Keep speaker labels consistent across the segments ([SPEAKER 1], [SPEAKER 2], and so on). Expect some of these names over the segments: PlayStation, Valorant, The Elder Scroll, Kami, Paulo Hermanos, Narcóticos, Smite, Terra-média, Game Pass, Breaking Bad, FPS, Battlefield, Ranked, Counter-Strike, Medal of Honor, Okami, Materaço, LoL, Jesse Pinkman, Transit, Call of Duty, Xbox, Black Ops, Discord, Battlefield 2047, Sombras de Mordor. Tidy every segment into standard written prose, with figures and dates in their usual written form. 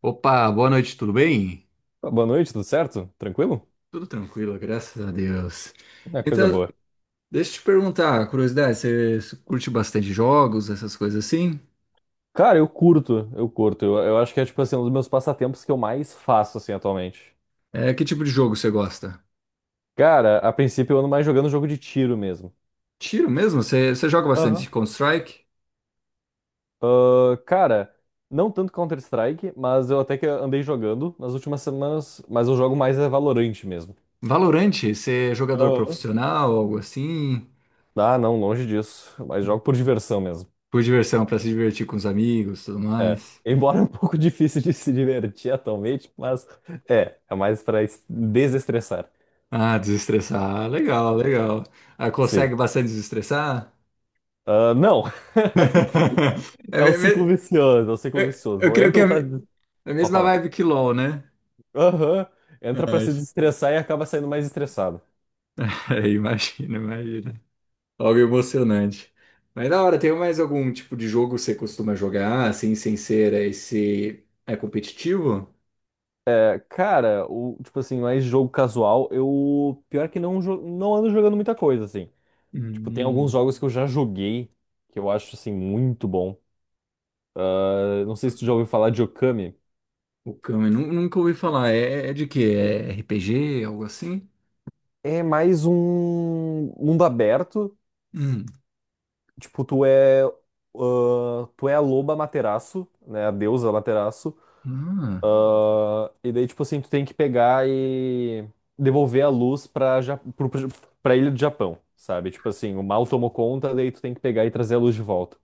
[SPEAKER 1] Opa, boa noite, tudo bem?
[SPEAKER 2] Boa noite, tudo certo? Tranquilo?
[SPEAKER 1] Tudo tranquilo, graças a Deus.
[SPEAKER 2] É
[SPEAKER 1] Então,
[SPEAKER 2] coisa boa.
[SPEAKER 1] deixa eu te perguntar, curiosidade, você curte bastante jogos, essas coisas assim?
[SPEAKER 2] Cara, eu curto, eu curto. Eu acho que é, tipo assim, um dos meus passatempos que eu mais faço, assim, atualmente.
[SPEAKER 1] É, que tipo de jogo você gosta?
[SPEAKER 2] Cara, a princípio eu ando mais jogando jogo de tiro mesmo.
[SPEAKER 1] Tiro mesmo? Você joga bastante
[SPEAKER 2] Aham.
[SPEAKER 1] Counter-Strike?
[SPEAKER 2] Ah, cara, não tanto Counter-Strike, mas eu até que andei jogando nas últimas semanas, mas eu jogo mais é Valorant mesmo.
[SPEAKER 1] Valorante, você é jogador
[SPEAKER 2] Aham.
[SPEAKER 1] profissional, algo assim?
[SPEAKER 2] Ah, não, longe disso. Mas jogo por diversão mesmo.
[SPEAKER 1] Por diversão, pra se divertir com os amigos, tudo
[SPEAKER 2] É.
[SPEAKER 1] mais?
[SPEAKER 2] Embora é um pouco difícil de se divertir atualmente, mas é mais pra desestressar.
[SPEAKER 1] Ah, desestressar, ah, legal, legal. Ah,
[SPEAKER 2] Sim.
[SPEAKER 1] consegue bastante desestressar?
[SPEAKER 2] Ah, não,
[SPEAKER 1] É,
[SPEAKER 2] é um
[SPEAKER 1] me-
[SPEAKER 2] ciclo
[SPEAKER 1] me-
[SPEAKER 2] vicioso, é o ciclo
[SPEAKER 1] eu,
[SPEAKER 2] vicioso.
[SPEAKER 1] eu
[SPEAKER 2] Eu
[SPEAKER 1] creio que é
[SPEAKER 2] entro pra,
[SPEAKER 1] a
[SPEAKER 2] pra
[SPEAKER 1] mesma
[SPEAKER 2] falar.
[SPEAKER 1] vibe que LoL, né?
[SPEAKER 2] Aham. Entra pra
[SPEAKER 1] Ai,
[SPEAKER 2] se desestressar e acaba saindo mais estressado.
[SPEAKER 1] imagina, imagina. Algo emocionante. Mas da hora, tem mais algum tipo de jogo que você costuma jogar, assim, sem ser esse... É competitivo?
[SPEAKER 2] É, cara, o, tipo assim, mais jogo casual, eu. Pior que não, não ando jogando muita coisa, assim. Tipo, tem alguns
[SPEAKER 1] Hum,
[SPEAKER 2] jogos que eu já joguei que eu acho, assim, muito bom. Ah, não sei se tu já ouviu falar de Okami.
[SPEAKER 1] o Kami, nunca ouvi falar. É, é de quê? É RPG, algo assim?
[SPEAKER 2] É mais um mundo aberto.
[SPEAKER 1] Hum.
[SPEAKER 2] Tipo, tu é a loba Materaço, né? A deusa Materaço.
[SPEAKER 1] Ah,
[SPEAKER 2] Ah, e daí, tipo assim, tu tem que pegar e devolver a luz pra, ja pro, pro- pra ilha do Japão, sabe? Tipo assim, o mal tomou conta, daí tu tem que pegar e trazer a luz de volta.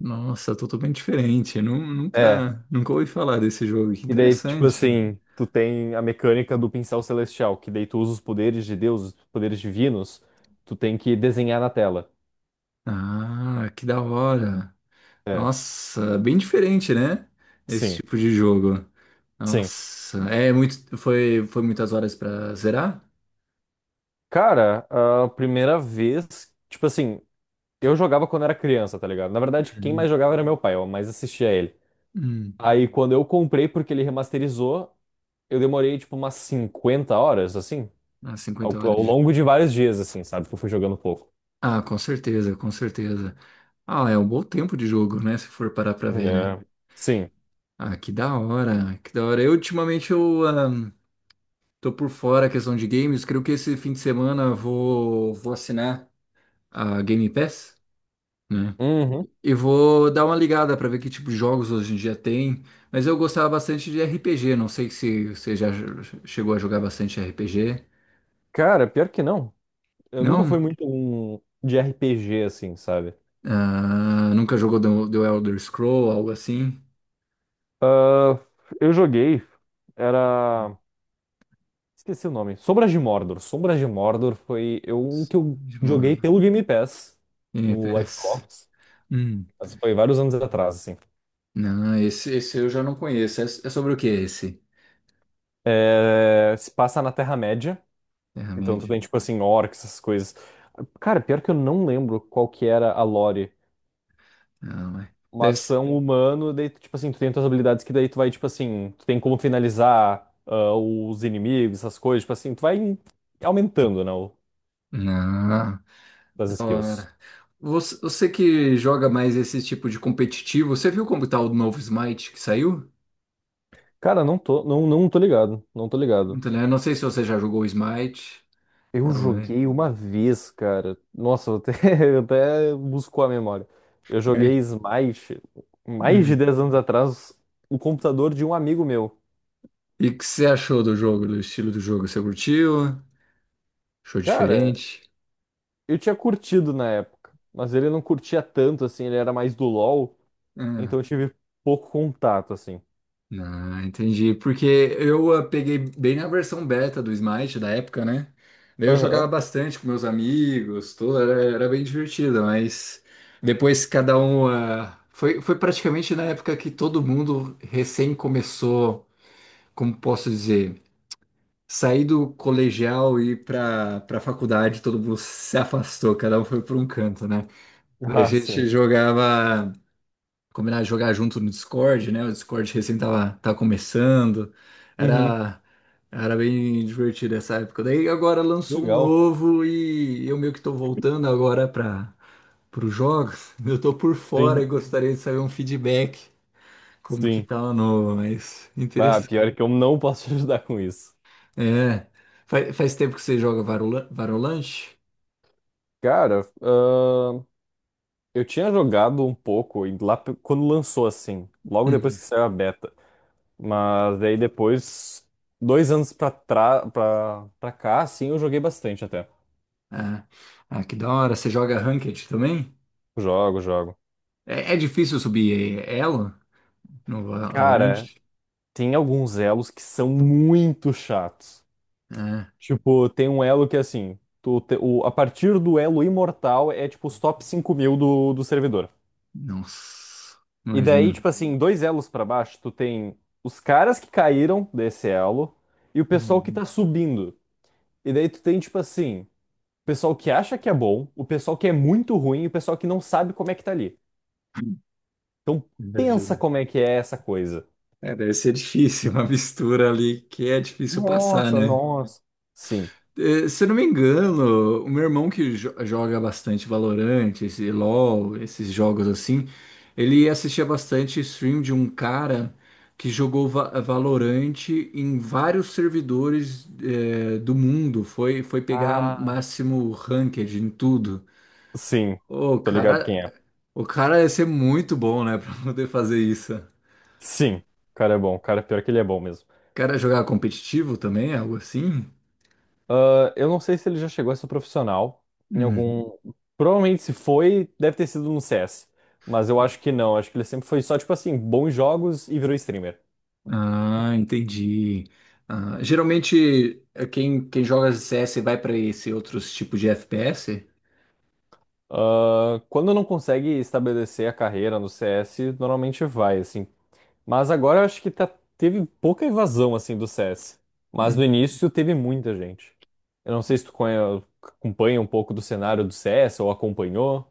[SPEAKER 1] nossa, totalmente diferente.
[SPEAKER 2] É,
[SPEAKER 1] Nunca, nunca ouvi falar desse jogo. Que
[SPEAKER 2] e daí, tipo
[SPEAKER 1] interessante.
[SPEAKER 2] assim, tu tem a mecânica do pincel celestial, que daí tu usa os poderes de Deus, os poderes divinos, tu tem que desenhar na tela.
[SPEAKER 1] Ah, que da hora.
[SPEAKER 2] É,
[SPEAKER 1] Nossa, bem diferente, né? Esse
[SPEAKER 2] sim,
[SPEAKER 1] tipo de jogo.
[SPEAKER 2] sim.
[SPEAKER 1] Nossa, é muito, foi, foi muitas horas pra zerar?
[SPEAKER 2] Cara, a primeira vez, tipo assim, eu jogava quando era criança, tá ligado? Na verdade, quem mais
[SPEAKER 1] Uhum.
[SPEAKER 2] jogava era meu pai, eu mais assistia a ele.
[SPEAKER 1] Hum,
[SPEAKER 2] Aí quando eu comprei, porque ele remasterizou, eu demorei tipo umas 50 horas, assim,
[SPEAKER 1] umas
[SPEAKER 2] ao,
[SPEAKER 1] 50 horas.
[SPEAKER 2] ao
[SPEAKER 1] de-
[SPEAKER 2] longo de vários dias, assim, sabe? Que eu fui jogando pouco.
[SPEAKER 1] Ah, com certeza, com certeza. Ah, é um bom tempo de jogo, né? Se for parar pra ver, né?
[SPEAKER 2] É. Sim.
[SPEAKER 1] Ah, que da hora, que da hora. Eu, ultimamente, eu tô por fora a questão de games. Creio que esse fim de semana eu vou assinar a Game Pass, né?
[SPEAKER 2] Uhum.
[SPEAKER 1] E vou dar uma ligada para ver que tipo de jogos hoje em dia tem. Mas eu gostava bastante de RPG. Não sei se você já chegou a jogar bastante RPG.
[SPEAKER 2] Cara, pior que não. Eu nunca fui
[SPEAKER 1] Não?
[SPEAKER 2] muito um de RPG, assim, sabe?
[SPEAKER 1] Ah, nunca jogou The Elder Scroll, algo assim?
[SPEAKER 2] Ah, eu joguei, era. Esqueci o nome. Sombras de Mordor. Sombras de Mordor foi um que eu
[SPEAKER 1] Small
[SPEAKER 2] joguei pelo Game Pass no
[SPEAKER 1] NPS.
[SPEAKER 2] Xbox.
[SPEAKER 1] Hum.
[SPEAKER 2] Mas foi vários anos atrás, assim.
[SPEAKER 1] Não, esse eu já não conheço. É, é sobre o que esse?
[SPEAKER 2] É, se passa na Terra-média. Então tu
[SPEAKER 1] Terra-média?
[SPEAKER 2] tem, tipo assim, orcs, essas coisas. Cara, pior que eu não lembro qual que era a lore.
[SPEAKER 1] Não, é. Deve
[SPEAKER 2] Mas tu
[SPEAKER 1] ser.
[SPEAKER 2] é um humano, daí, tu, tipo assim, tu tem tuas habilidades que daí tu vai, tipo assim, tu tem como finalizar os inimigos, essas coisas, tipo assim, tu vai aumentando, né,
[SPEAKER 1] Não, da
[SPEAKER 2] as skills.
[SPEAKER 1] hora. Você que joga mais esse tipo de competitivo, você viu como tá o novo Smite que saiu?
[SPEAKER 2] Cara, não tô, não tô ligado, não tô ligado.
[SPEAKER 1] Muito legal. Eu não sei se você já jogou Smite.
[SPEAKER 2] Eu
[SPEAKER 1] É, mas...
[SPEAKER 2] joguei uma vez, cara. Nossa, eu até buscou a memória. Eu joguei
[SPEAKER 1] É.
[SPEAKER 2] Smite mais de
[SPEAKER 1] Hum.
[SPEAKER 2] 10 anos atrás no computador de um amigo meu.
[SPEAKER 1] E o que você achou do jogo, do estilo do jogo? Você curtiu? Achou
[SPEAKER 2] Cara,
[SPEAKER 1] diferente?
[SPEAKER 2] eu tinha curtido na época, mas ele não curtia tanto, assim, ele era mais do LoL, então
[SPEAKER 1] Ah,
[SPEAKER 2] eu tive pouco contato, assim.
[SPEAKER 1] não, entendi. Porque eu peguei bem na versão beta do Smite da época, né? Daí eu jogava
[SPEAKER 2] Aham.
[SPEAKER 1] bastante com meus amigos, tudo, era bem divertido, mas depois cada um. Foi praticamente na época que todo mundo recém começou, como posso dizer? Saí do colegial e ir para faculdade, todo mundo se afastou, cada um foi para um canto, né? A
[SPEAKER 2] Ah,
[SPEAKER 1] gente
[SPEAKER 2] sim.
[SPEAKER 1] jogava, combinava de jogar junto no Discord, né? O Discord recém tava começando,
[SPEAKER 2] Uhum.
[SPEAKER 1] era, era bem divertido essa época. Daí agora lançou um
[SPEAKER 2] Legal.
[SPEAKER 1] novo e eu meio que tô voltando agora para os jogos. Eu tô por fora
[SPEAKER 2] Sim,
[SPEAKER 1] e gostaria de saber um feedback, como que
[SPEAKER 2] sim.
[SPEAKER 1] tá o novo, mas
[SPEAKER 2] Ah,
[SPEAKER 1] interessante.
[SPEAKER 2] pior é que eu não posso te ajudar com isso.
[SPEAKER 1] É, faz tempo que você joga Varolante?
[SPEAKER 2] Cara, eu tinha jogado um pouco e quando lançou, assim, logo depois
[SPEAKER 1] Hum.
[SPEAKER 2] que saiu a beta. Mas daí depois, 2 anos pra cá, assim, eu joguei bastante até.
[SPEAKER 1] Ah, ah, que da hora. Você joga Ranked também?
[SPEAKER 2] Jogo, jogo.
[SPEAKER 1] É difícil subir elo no Valorant?
[SPEAKER 2] Cara, tem alguns elos que são muito chatos.
[SPEAKER 1] É.
[SPEAKER 2] Tipo, tem um elo que é assim, a partir do elo imortal é tipo os top 5.000 do servidor.
[SPEAKER 1] Nossa,
[SPEAKER 2] E daí,
[SPEAKER 1] imagina.
[SPEAKER 2] tipo assim, dois elos pra baixo, tu tem os caras que caíram desse elo e o pessoal que
[SPEAKER 1] Hum,
[SPEAKER 2] tá subindo. E daí tu tem, tipo assim, o pessoal que acha que é bom, o pessoal que é muito ruim e o pessoal que não sabe como é que tá ali. Então pensa
[SPEAKER 1] Imagino.
[SPEAKER 2] como é que é essa coisa.
[SPEAKER 1] É, deve ser difícil, uma mistura ali que é difícil passar,
[SPEAKER 2] Nossa,
[SPEAKER 1] né?
[SPEAKER 2] nossa. Sim.
[SPEAKER 1] Eh, se eu não me engano, o meu irmão que joga bastante Valorant, esse LoL, esses jogos assim, ele assistia bastante stream de um cara que jogou Valorant em vários servidores, eh, do mundo. Foi pegar
[SPEAKER 2] Ah.
[SPEAKER 1] máximo ranked em tudo.
[SPEAKER 2] Sim,
[SPEAKER 1] O
[SPEAKER 2] tô ligado
[SPEAKER 1] cara,
[SPEAKER 2] quem é.
[SPEAKER 1] o cara ia ser muito bom, né, pra poder fazer isso. O
[SPEAKER 2] Sim, o cara é bom. O cara, pior que ele é bom mesmo.
[SPEAKER 1] cara jogava competitivo também, algo assim?
[SPEAKER 2] Ah, eu não sei se ele já chegou a ser profissional em algum. Provavelmente se foi, deve ter sido no CS. Mas eu acho que não. Acho que ele sempre foi só, tipo assim, bons jogos e virou streamer.
[SPEAKER 1] Ah, entendi. Ah, geralmente quem joga CS vai para esse outros tipos de FPS?
[SPEAKER 2] Ah, quando não consegue estabelecer a carreira no CS, normalmente vai, assim. Mas agora eu acho que tá, teve pouca evasão, assim, do CS. Mas
[SPEAKER 1] Hum.
[SPEAKER 2] no início teve muita gente. Eu não sei se tu acompanha um pouco do cenário do CS ou acompanhou.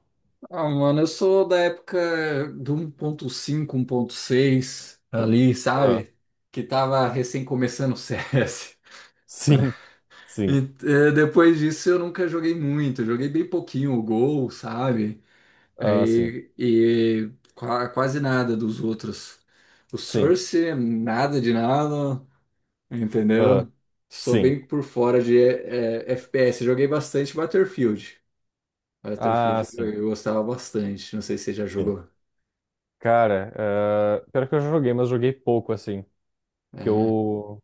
[SPEAKER 1] Ah, mano, eu sou da época do 1.5, 1.6 ali,
[SPEAKER 2] Ah,
[SPEAKER 1] sabe? Que tava recém começando o CS.
[SPEAKER 2] sim. Sim.
[SPEAKER 1] E, eh, depois disso eu nunca joguei muito, eu joguei bem pouquinho o Gol, sabe?
[SPEAKER 2] Ah, sim,
[SPEAKER 1] Aí, e, quase nada dos outros. O
[SPEAKER 2] sim,
[SPEAKER 1] Source, nada de nada. Entendeu?
[SPEAKER 2] ah,
[SPEAKER 1] Sou
[SPEAKER 2] sim,
[SPEAKER 1] bem por fora de FPS. Joguei bastante Battlefield.
[SPEAKER 2] ah,
[SPEAKER 1] Battlefield
[SPEAKER 2] sim,
[SPEAKER 1] eu gostava bastante. Não sei se você já
[SPEAKER 2] sim.
[SPEAKER 1] jogou.
[SPEAKER 2] Cara, pior que eu já joguei, mas joguei pouco, assim. Que
[SPEAKER 1] É,
[SPEAKER 2] eu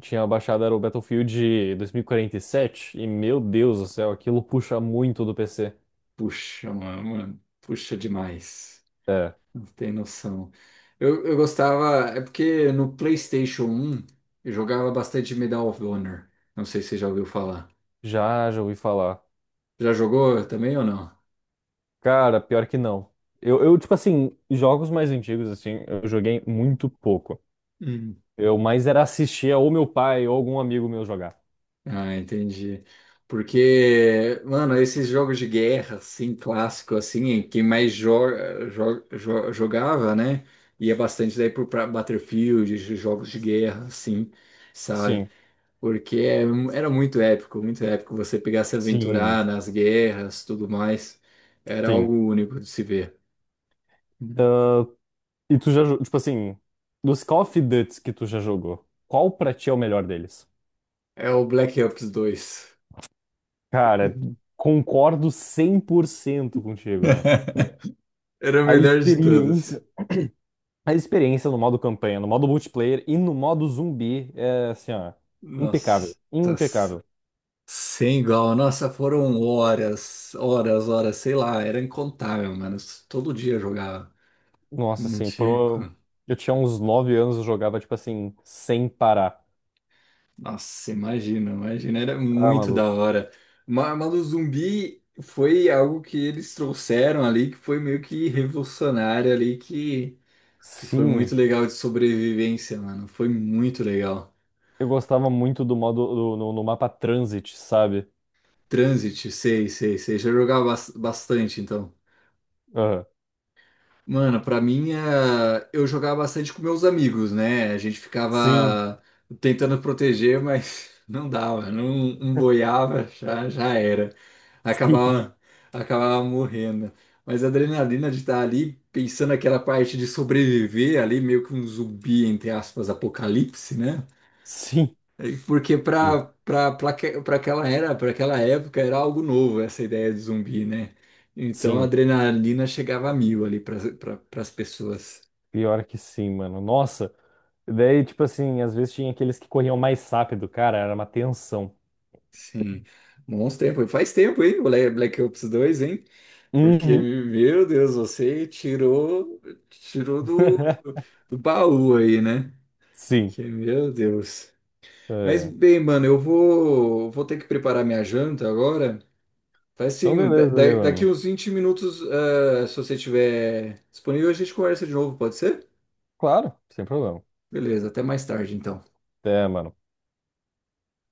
[SPEAKER 2] tinha baixado era o Battlefield 2047, e quarenta e sete, e meu Deus do céu, aquilo puxa muito do PC.
[SPEAKER 1] puxa, mano, puxa demais.
[SPEAKER 2] É,
[SPEAKER 1] Não tem noção. Eu gostava. É porque no PlayStation 1 eu jogava bastante Medal of Honor. Não sei se você já ouviu falar.
[SPEAKER 2] já ouvi falar.
[SPEAKER 1] Já jogou também ou não?
[SPEAKER 2] Cara, pior que não. Eu, tipo assim, jogos mais antigos, assim, eu joguei muito pouco. Eu mais era assistir ou meu pai ou algum amigo meu jogar.
[SPEAKER 1] Ah, entendi. Porque, mano, esses jogos de guerra, assim, clássico, assim, quem mais joga, jogava, né? Ia bastante daí pro pra Battlefield, jogos de guerra, assim, sabe?
[SPEAKER 2] Sim,
[SPEAKER 1] Porque é- Era muito épico você pegar se aventurar
[SPEAKER 2] sim,
[SPEAKER 1] nas guerras, tudo mais. Era
[SPEAKER 2] sim.
[SPEAKER 1] algo único de se ver.
[SPEAKER 2] E tu já, tipo assim, dos Call of Duty que tu já jogou, qual pra ti é o melhor deles?
[SPEAKER 1] É o Black Ops 2.
[SPEAKER 2] Cara, concordo 100% contigo, mano.
[SPEAKER 1] Era o
[SPEAKER 2] A
[SPEAKER 1] melhor de todos.
[SPEAKER 2] experiência, a experiência no modo campanha, no modo multiplayer e no modo zumbi é assim, ó,
[SPEAKER 1] Nossa.
[SPEAKER 2] impecável, impecável.
[SPEAKER 1] Sem igual, nossa, foram horas, horas, horas, sei lá, era incontável, mano. Todo dia eu jogava.
[SPEAKER 2] Nossa,
[SPEAKER 1] Não
[SPEAKER 2] assim,
[SPEAKER 1] tinha. Co-
[SPEAKER 2] eu tinha uns 9 anos, eu jogava tipo assim, sem parar.
[SPEAKER 1] Nossa, imagina, imagina, era
[SPEAKER 2] Ah,
[SPEAKER 1] muito da
[SPEAKER 2] maluco.
[SPEAKER 1] hora. Mas o zumbi foi algo que eles trouxeram ali, que foi meio que revolucionário ali, que foi
[SPEAKER 2] Sim,
[SPEAKER 1] muito legal de sobrevivência, mano. Foi muito legal.
[SPEAKER 2] eu gostava muito do modo no mapa Transit, sabe?
[SPEAKER 1] Transit, sei, sei, sei. Já jogava bastante, então.
[SPEAKER 2] Aham.
[SPEAKER 1] Mano, pra mim, eh, eu jogava bastante com meus amigos, né? A gente
[SPEAKER 2] Sim,
[SPEAKER 1] ficava tentando proteger, mas não dava, não, não boiava, já era. Acabava, acabava morrendo. Mas a adrenalina de estar ali, pensando naquela parte de sobreviver, ali meio que um zumbi, entre aspas, apocalipse, né?
[SPEAKER 2] sim. Sim,
[SPEAKER 1] É, porque
[SPEAKER 2] sim,
[SPEAKER 1] para aquela era, para aquela época era algo novo essa ideia de zumbi, né? Então a
[SPEAKER 2] sim,
[SPEAKER 1] adrenalina chegava a mil ali para as pessoas.
[SPEAKER 2] pior que sim, mano. Nossa, daí, tipo assim, às vezes tinha aqueles que corriam mais rápido, cara, era uma tensão.
[SPEAKER 1] Sim. Bons tempos. Faz tempo, hein? Black Ops 2, hein? Porque,
[SPEAKER 2] Uhum.
[SPEAKER 1] meu Deus, você tirou do, do baú aí, né?
[SPEAKER 2] Sim.
[SPEAKER 1] Que, meu Deus. Mas
[SPEAKER 2] É.
[SPEAKER 1] bem, mano, eu vou ter que preparar minha janta agora. Faz
[SPEAKER 2] Então,
[SPEAKER 1] sim.
[SPEAKER 2] beleza aí,
[SPEAKER 1] Daqui
[SPEAKER 2] mano.
[SPEAKER 1] uns 20 minutos, eh, se você estiver disponível, a gente conversa de novo, pode ser?
[SPEAKER 2] Claro, sem problema.
[SPEAKER 1] Beleza, até mais tarde então.
[SPEAKER 2] Até, mano.